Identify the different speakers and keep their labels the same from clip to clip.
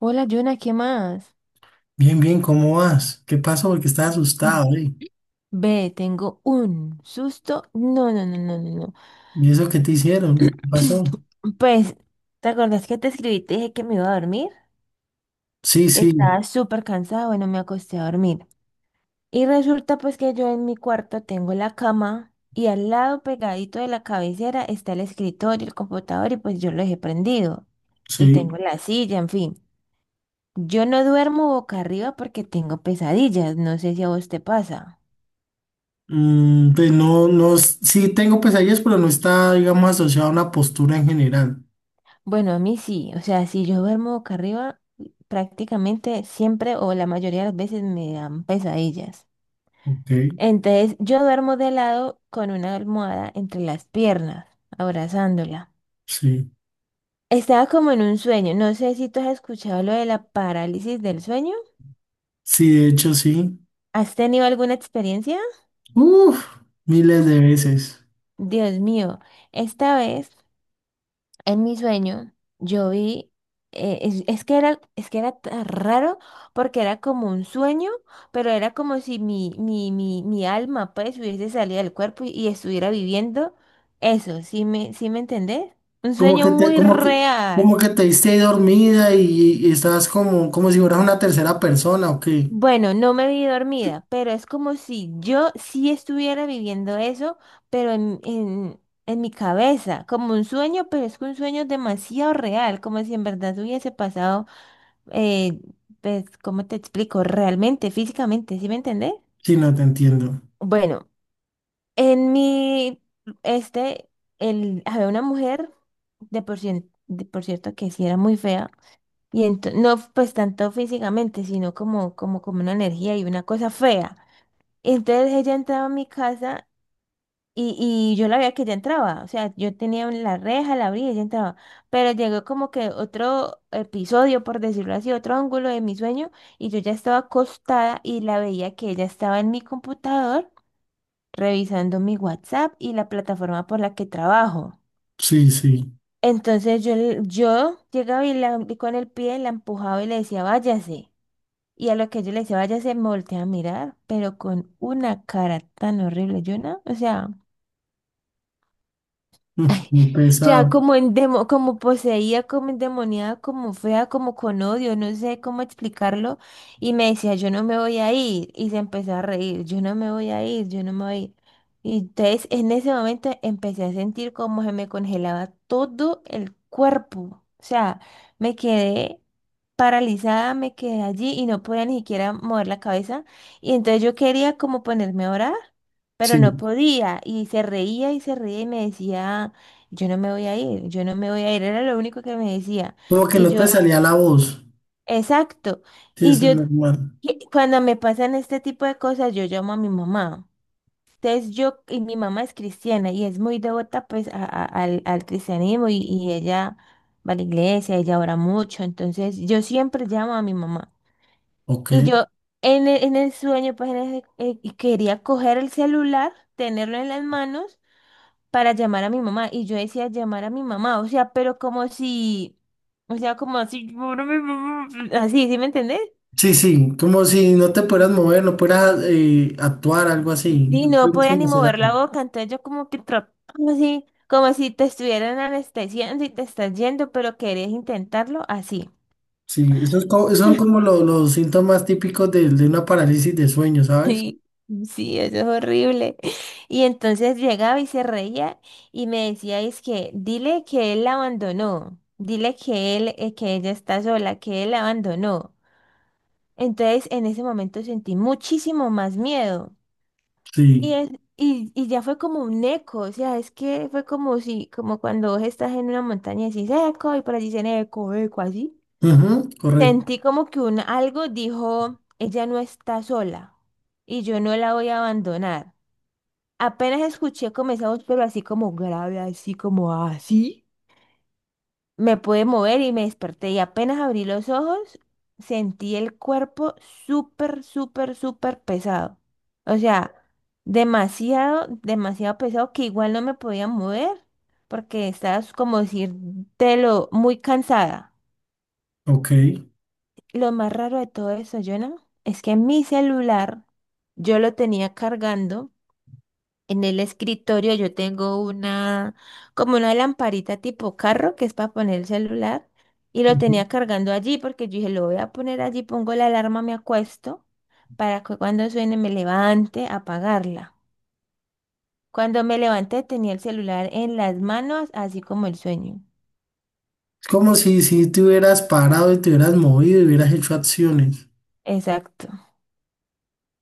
Speaker 1: Hola, Jonah, ¿qué más?
Speaker 2: Bien, bien, ¿cómo vas? ¿Qué pasó? Porque estás asustado, ¿eh?
Speaker 1: Ve, tengo un susto. No, no, no, no, no, no.
Speaker 2: ¿Y eso qué te hicieron? ¿Qué pasó?
Speaker 1: Pues, ¿te acordás que te escribí? Y te dije que me iba a dormir,
Speaker 2: Sí,
Speaker 1: que
Speaker 2: sí,
Speaker 1: estaba súper cansada. Bueno, me acosté a dormir. Y resulta pues que yo en mi cuarto tengo la cama y al lado pegadito de la cabecera está el escritorio, el computador y pues yo lo dejé prendido. Y
Speaker 2: sí.
Speaker 1: tengo la silla, en fin. Yo no duermo boca arriba porque tengo pesadillas. No sé si a vos te pasa.
Speaker 2: Mm, pues no, no, sí tengo pesadillas, pero no está, digamos, asociado a una postura en general.
Speaker 1: Bueno, a mí sí, o sea, si yo duermo boca arriba, prácticamente siempre o la mayoría de las veces me dan pesadillas.
Speaker 2: Ok,
Speaker 1: Entonces, yo duermo de lado con una almohada entre las piernas, abrazándola.
Speaker 2: sí.
Speaker 1: Estaba como en un sueño, no sé si tú has escuchado lo de la parálisis del sueño.
Speaker 2: Sí, de hecho, sí.
Speaker 1: ¿Has tenido alguna experiencia?
Speaker 2: Uf, miles de veces.
Speaker 1: Dios mío, esta vez. En mi sueño, yo vi, es que era tan raro porque era como un sueño, pero era como si mi alma pues hubiese salido del cuerpo y estuviera viviendo eso, ¿sí me entendés? Un
Speaker 2: Como
Speaker 1: sueño
Speaker 2: que te,
Speaker 1: muy
Speaker 2: como que, como que
Speaker 1: real.
Speaker 2: te diste dormida y estabas como, como si fueras una tercera persona, ok.
Speaker 1: Bueno, no me vi dormida, pero es como si yo sí estuviera viviendo eso, pero en mi cabeza, como un sueño, pero es que un sueño demasiado real, como si en verdad hubiese pasado eh, pues, ¿cómo te explico? Realmente, físicamente, ¿sí me entendés?
Speaker 2: Sí, no te entiendo.
Speaker 1: Bueno, en mi, este, el, había una mujer, de por cierto, que sí era muy fea, no pues tanto físicamente, sino como una energía y una cosa fea. Entonces ella entraba a mi casa. Y yo la veía que ella entraba, o sea, yo tenía la reja, la abría y ella entraba, pero llegó como que otro episodio, por decirlo así, otro ángulo de mi sueño, y yo ya estaba acostada y la veía que ella estaba en mi computador revisando mi WhatsApp y la plataforma por la que trabajo.
Speaker 2: Sí, sí.
Speaker 1: Entonces yo llegaba y con el pie la empujaba y le decía, váyase. Y a lo que yo le decía, váyase, me volteé a mirar, pero con una cara tan horrible, yo no, o sea.
Speaker 2: Uf,
Speaker 1: Ay,
Speaker 2: muy
Speaker 1: o sea,
Speaker 2: pesado.
Speaker 1: como poseída, como endemoniada, como fea, como con odio, no sé cómo explicarlo. Y me decía, yo no me voy a ir. Y se empezó a reír, yo no me voy a ir, yo no me voy a ir. Y entonces en ese momento empecé a sentir como se me congelaba todo el cuerpo. O sea, me quedé paralizada, me quedé allí y no podía ni siquiera mover la cabeza. Y entonces yo quería como ponerme a orar, pero no
Speaker 2: Sí.
Speaker 1: podía. Y se reía y se reía y me decía, yo no me voy a ir, yo no me voy a ir, era lo único que me decía.
Speaker 2: Como que
Speaker 1: Y
Speaker 2: no te
Speaker 1: yo,
Speaker 2: salía la voz.
Speaker 1: exacto.
Speaker 2: Sí,
Speaker 1: Y
Speaker 2: eso es
Speaker 1: yo,
Speaker 2: normal.
Speaker 1: y cuando me pasan este tipo de cosas, yo llamo a mi mamá. Entonces yo, y mi mamá es cristiana y es muy devota pues al cristianismo y ella va a la iglesia, ella ora mucho, entonces yo siempre llamo a mi mamá.
Speaker 2: Ok.
Speaker 1: Y yo en el sueño pues y quería coger el celular, tenerlo en las manos para llamar a mi mamá. Y yo decía llamar a mi mamá, o sea, pero como si, o sea, como así, "Llamar a mi mamá", así, ¿sí me entendés?
Speaker 2: Sí, sí, como si no te pudieras mover, no pudieras actuar, algo así.
Speaker 1: Y
Speaker 2: No
Speaker 1: no
Speaker 2: pudieras
Speaker 1: podía
Speaker 2: como
Speaker 1: ni
Speaker 2: hacer
Speaker 1: mover
Speaker 2: algo.
Speaker 1: la boca, entonces yo como que trataba así, como si te estuvieran anestesiando y te estás yendo, pero querés intentarlo así.
Speaker 2: Sí, son como los síntomas típicos de una parálisis de sueño, ¿sabes?
Speaker 1: Sí, eso es horrible. Y entonces llegaba y se reía y me decía, es que dile que él la abandonó, dile que él, que ella está sola, que él la abandonó. Entonces, en ese momento sentí muchísimo más miedo. Y,
Speaker 2: Sí.
Speaker 1: es- y ya fue como un eco, o sea, es que fue como si, como cuando vos estás en una montaña y decís eco, y por allí dicen eco, eco, así.
Speaker 2: Ujú, correcto.
Speaker 1: Sentí como que un algo dijo, ella no está sola, y yo no la voy a abandonar. Apenas escuché como esa voz, pero así como grave, así como así. Me pude mover y me desperté y apenas abrí los ojos, sentí el cuerpo súper, súper, súper pesado. O sea, demasiado, demasiado pesado que igual no me podía mover porque estaba como lo muy cansada.
Speaker 2: Ok.
Speaker 1: Lo más raro de todo eso, Jonah, es que mi celular yo lo tenía cargando. En el escritorio yo tengo una, como una lamparita tipo carro que es para poner el celular y lo
Speaker 2: Ujú.
Speaker 1: tenía cargando allí porque yo dije, lo voy a poner allí, pongo la alarma, me acuesto para que cuando suene me levante a apagarla. Cuando me levanté tenía el celular en las manos, así como el sueño.
Speaker 2: Es como si, si te hubieras parado y te hubieras movido y hubieras hecho acciones.
Speaker 1: Exacto.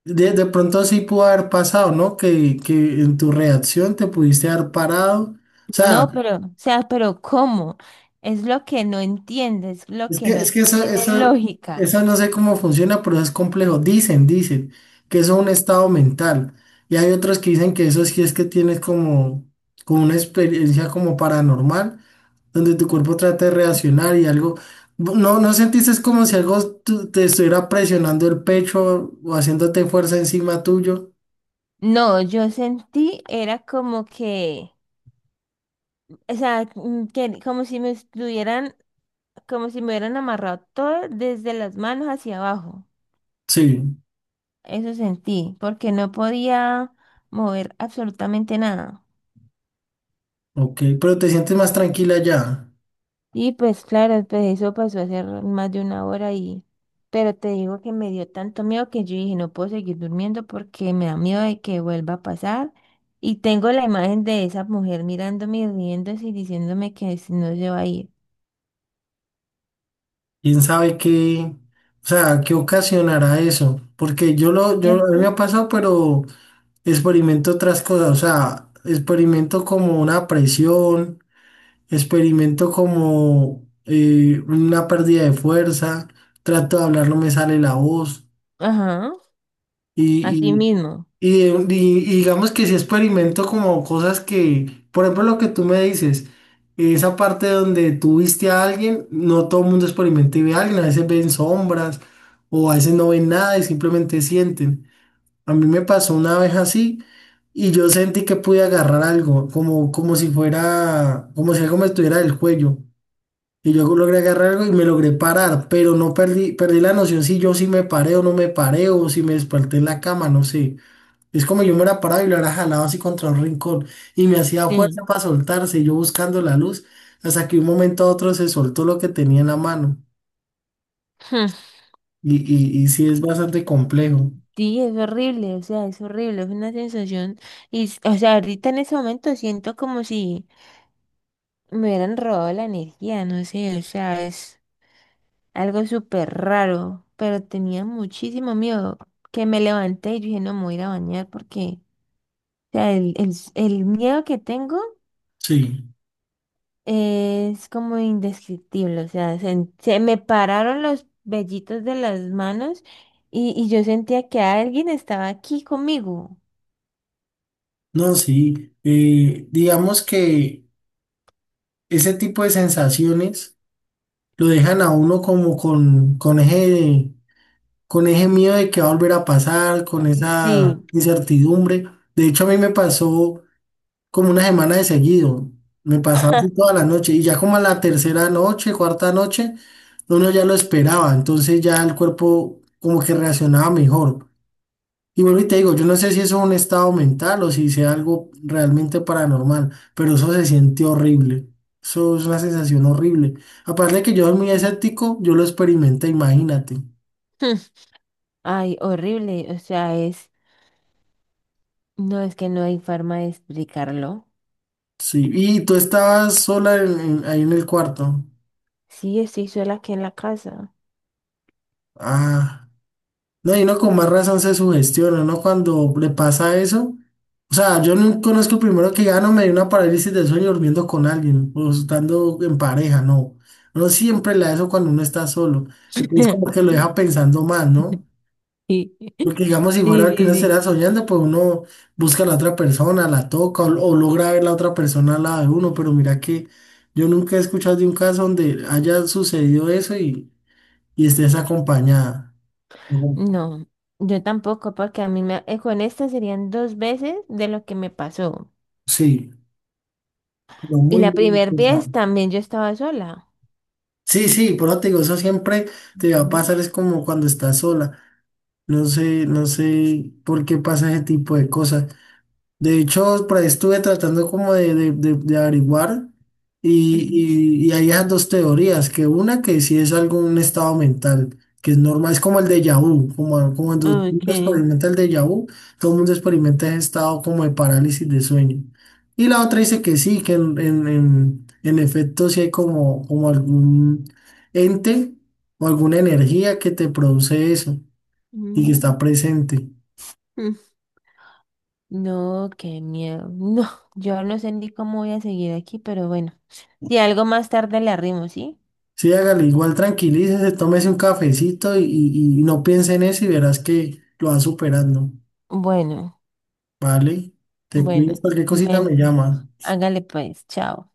Speaker 2: De pronto sí pudo haber pasado, ¿no? Que en tu reacción te pudiste haber parado. O sea,
Speaker 1: No, pero, o sea, pero ¿cómo? Es lo que no entiendes, lo
Speaker 2: es
Speaker 1: que
Speaker 2: que, es
Speaker 1: no
Speaker 2: que esa,
Speaker 1: tiene
Speaker 2: esa,
Speaker 1: lógica.
Speaker 2: esa no sé cómo funciona, pero es complejo. Dicen, dicen que eso es un estado mental. Y hay otros que dicen que eso sí es que tienes como, como una experiencia como paranormal, donde tu cuerpo trata de reaccionar y algo. No, no sentiste es como si algo te estuviera presionando el pecho o haciéndote fuerza encima tuyo.
Speaker 1: No, yo sentí, era como que. O sea, que, como si me estuvieran, como si me hubieran amarrado todo desde las manos hacia abajo.
Speaker 2: Sí,
Speaker 1: Eso sentí, porque no podía mover absolutamente nada.
Speaker 2: ok, pero te sientes más tranquila ya.
Speaker 1: Y pues claro, pues eso pasó hace más de una hora y. Pero te digo que me dio tanto miedo que yo dije, no puedo seguir durmiendo porque me da miedo de que vuelva a pasar. Y tengo la imagen de esa mujer mirándome y riéndose y diciéndome que si no se va a ir.
Speaker 2: ¿Quién sabe qué, o sea, qué ocasionará eso? Porque yo, a mí me
Speaker 1: ¿Cierto?
Speaker 2: ha pasado, pero experimento otras cosas, o sea, experimento como una presión, experimento como una pérdida de fuerza, trato de hablar, no me sale la voz,
Speaker 1: Ajá, así
Speaker 2: y
Speaker 1: mismo.
Speaker 2: y digamos que si experimento como cosas que, por ejemplo, lo que tú me dices, esa parte donde tú viste a alguien, no todo el mundo experimenta y ve a alguien, a veces ven sombras o a veces no ven nada y simplemente sienten. A mí me pasó una vez así y yo sentí que pude agarrar algo, como, como si fuera, como si algo me estuviera del cuello. Y yo logré agarrar algo y me logré parar, pero no perdí, perdí la noción si yo sí me paré o no me paré o si me desperté en la cama, no sé. Es como yo me hubiera parado y lo hubiera jalado así contra un rincón y me hacía fuerza
Speaker 1: Sí.
Speaker 2: para soltarse, y yo buscando la luz, hasta que de un momento a otro se soltó lo que tenía en la mano. Y sí es bastante complejo.
Speaker 1: Sí, es horrible, o sea, es horrible, es una sensación, o sea, ahorita en ese momento siento como si me hubieran robado la energía, no sé, o sea, es algo súper raro, pero tenía muchísimo miedo que me levanté y dije, no, me voy a ir a bañar porque, o sea, el miedo que tengo
Speaker 2: Sí,
Speaker 1: es como indescriptible, o sea, se me pararon los vellitos de las manos y yo sentía que alguien estaba aquí conmigo.
Speaker 2: no, sí. Eh, digamos que ese tipo de sensaciones lo dejan a uno como con eje miedo de que va a volver a pasar, con esa
Speaker 1: Sí.
Speaker 2: incertidumbre. De hecho, a mí me pasó como una semana de seguido. Me pasaba así toda la noche y ya como a la tercera noche, cuarta noche, uno ya lo esperaba, entonces ya el cuerpo como que reaccionaba mejor. Y vuelvo y te digo, yo no sé si eso es un estado mental o si sea algo realmente paranormal, pero eso se siente horrible. Eso es una sensación horrible. Aparte de que yo soy muy escéptico, yo lo experimenté, imagínate.
Speaker 1: Ay, horrible. O sea, no es que no hay forma de explicarlo.
Speaker 2: Sí, y tú estabas sola ahí en el cuarto.
Speaker 1: Sí, estoy sola aquí en la casa.
Speaker 2: Ah. No, y uno con más razón se sugestiona, ¿no? Cuando le pasa eso. O sea, yo no conozco primero que ya no me dio una parálisis del sueño durmiendo con alguien o estando en pareja, no. Uno siempre la da eso cuando uno está solo. Entonces como que lo deja pensando más, ¿no?
Speaker 1: Sí,
Speaker 2: Porque digamos, si fuera
Speaker 1: sí, sí,
Speaker 2: que uno estará
Speaker 1: sí.
Speaker 2: soñando, pues uno busca a la otra persona, la toca o logra ver la otra persona al lado de uno. Pero mira que yo nunca he escuchado de un caso donde haya sucedido eso y estés acompañada. Ujú.
Speaker 1: No, yo tampoco, porque con esta serían dos veces de lo que me pasó.
Speaker 2: Sí. Pero
Speaker 1: Y
Speaker 2: muy,
Speaker 1: la
Speaker 2: muy
Speaker 1: primera vez
Speaker 2: interesante.
Speaker 1: también yo estaba sola.
Speaker 2: Sí, sí, por eso te digo, eso siempre te va a
Speaker 1: Ujú,
Speaker 2: pasar, es como cuando estás sola. No sé, no sé por qué pasa ese tipo de cosas. De hecho, por ahí estuve tratando como de averiguar y, y hay esas dos teorías, que una que sí es algo un estado mental, que es normal, es como el déjà vu, como, como cuando todo
Speaker 1: ujú.
Speaker 2: el mundo
Speaker 1: Okay.
Speaker 2: experimenta el déjà vu, todo el mundo experimenta ese estado como de parálisis de sueño. Y la otra dice que sí, que en efecto sí hay como, como algún ente o alguna energía que te produce eso y que
Speaker 1: Mm,
Speaker 2: está presente.
Speaker 1: mm. No, qué miedo. No, yo no sé ni cómo voy a seguir aquí, pero bueno. Si algo más tarde le arrimo, ¿sí?
Speaker 2: Sí, hágale, igual tranquilícese, tómese un cafecito y, y no piense en eso y verás que lo va superando.
Speaker 1: Bueno.
Speaker 2: Vale, te cuidas,
Speaker 1: Bueno,
Speaker 2: cualquier cosita
Speaker 1: bueno,
Speaker 2: me llama.
Speaker 1: hágale pues, chao.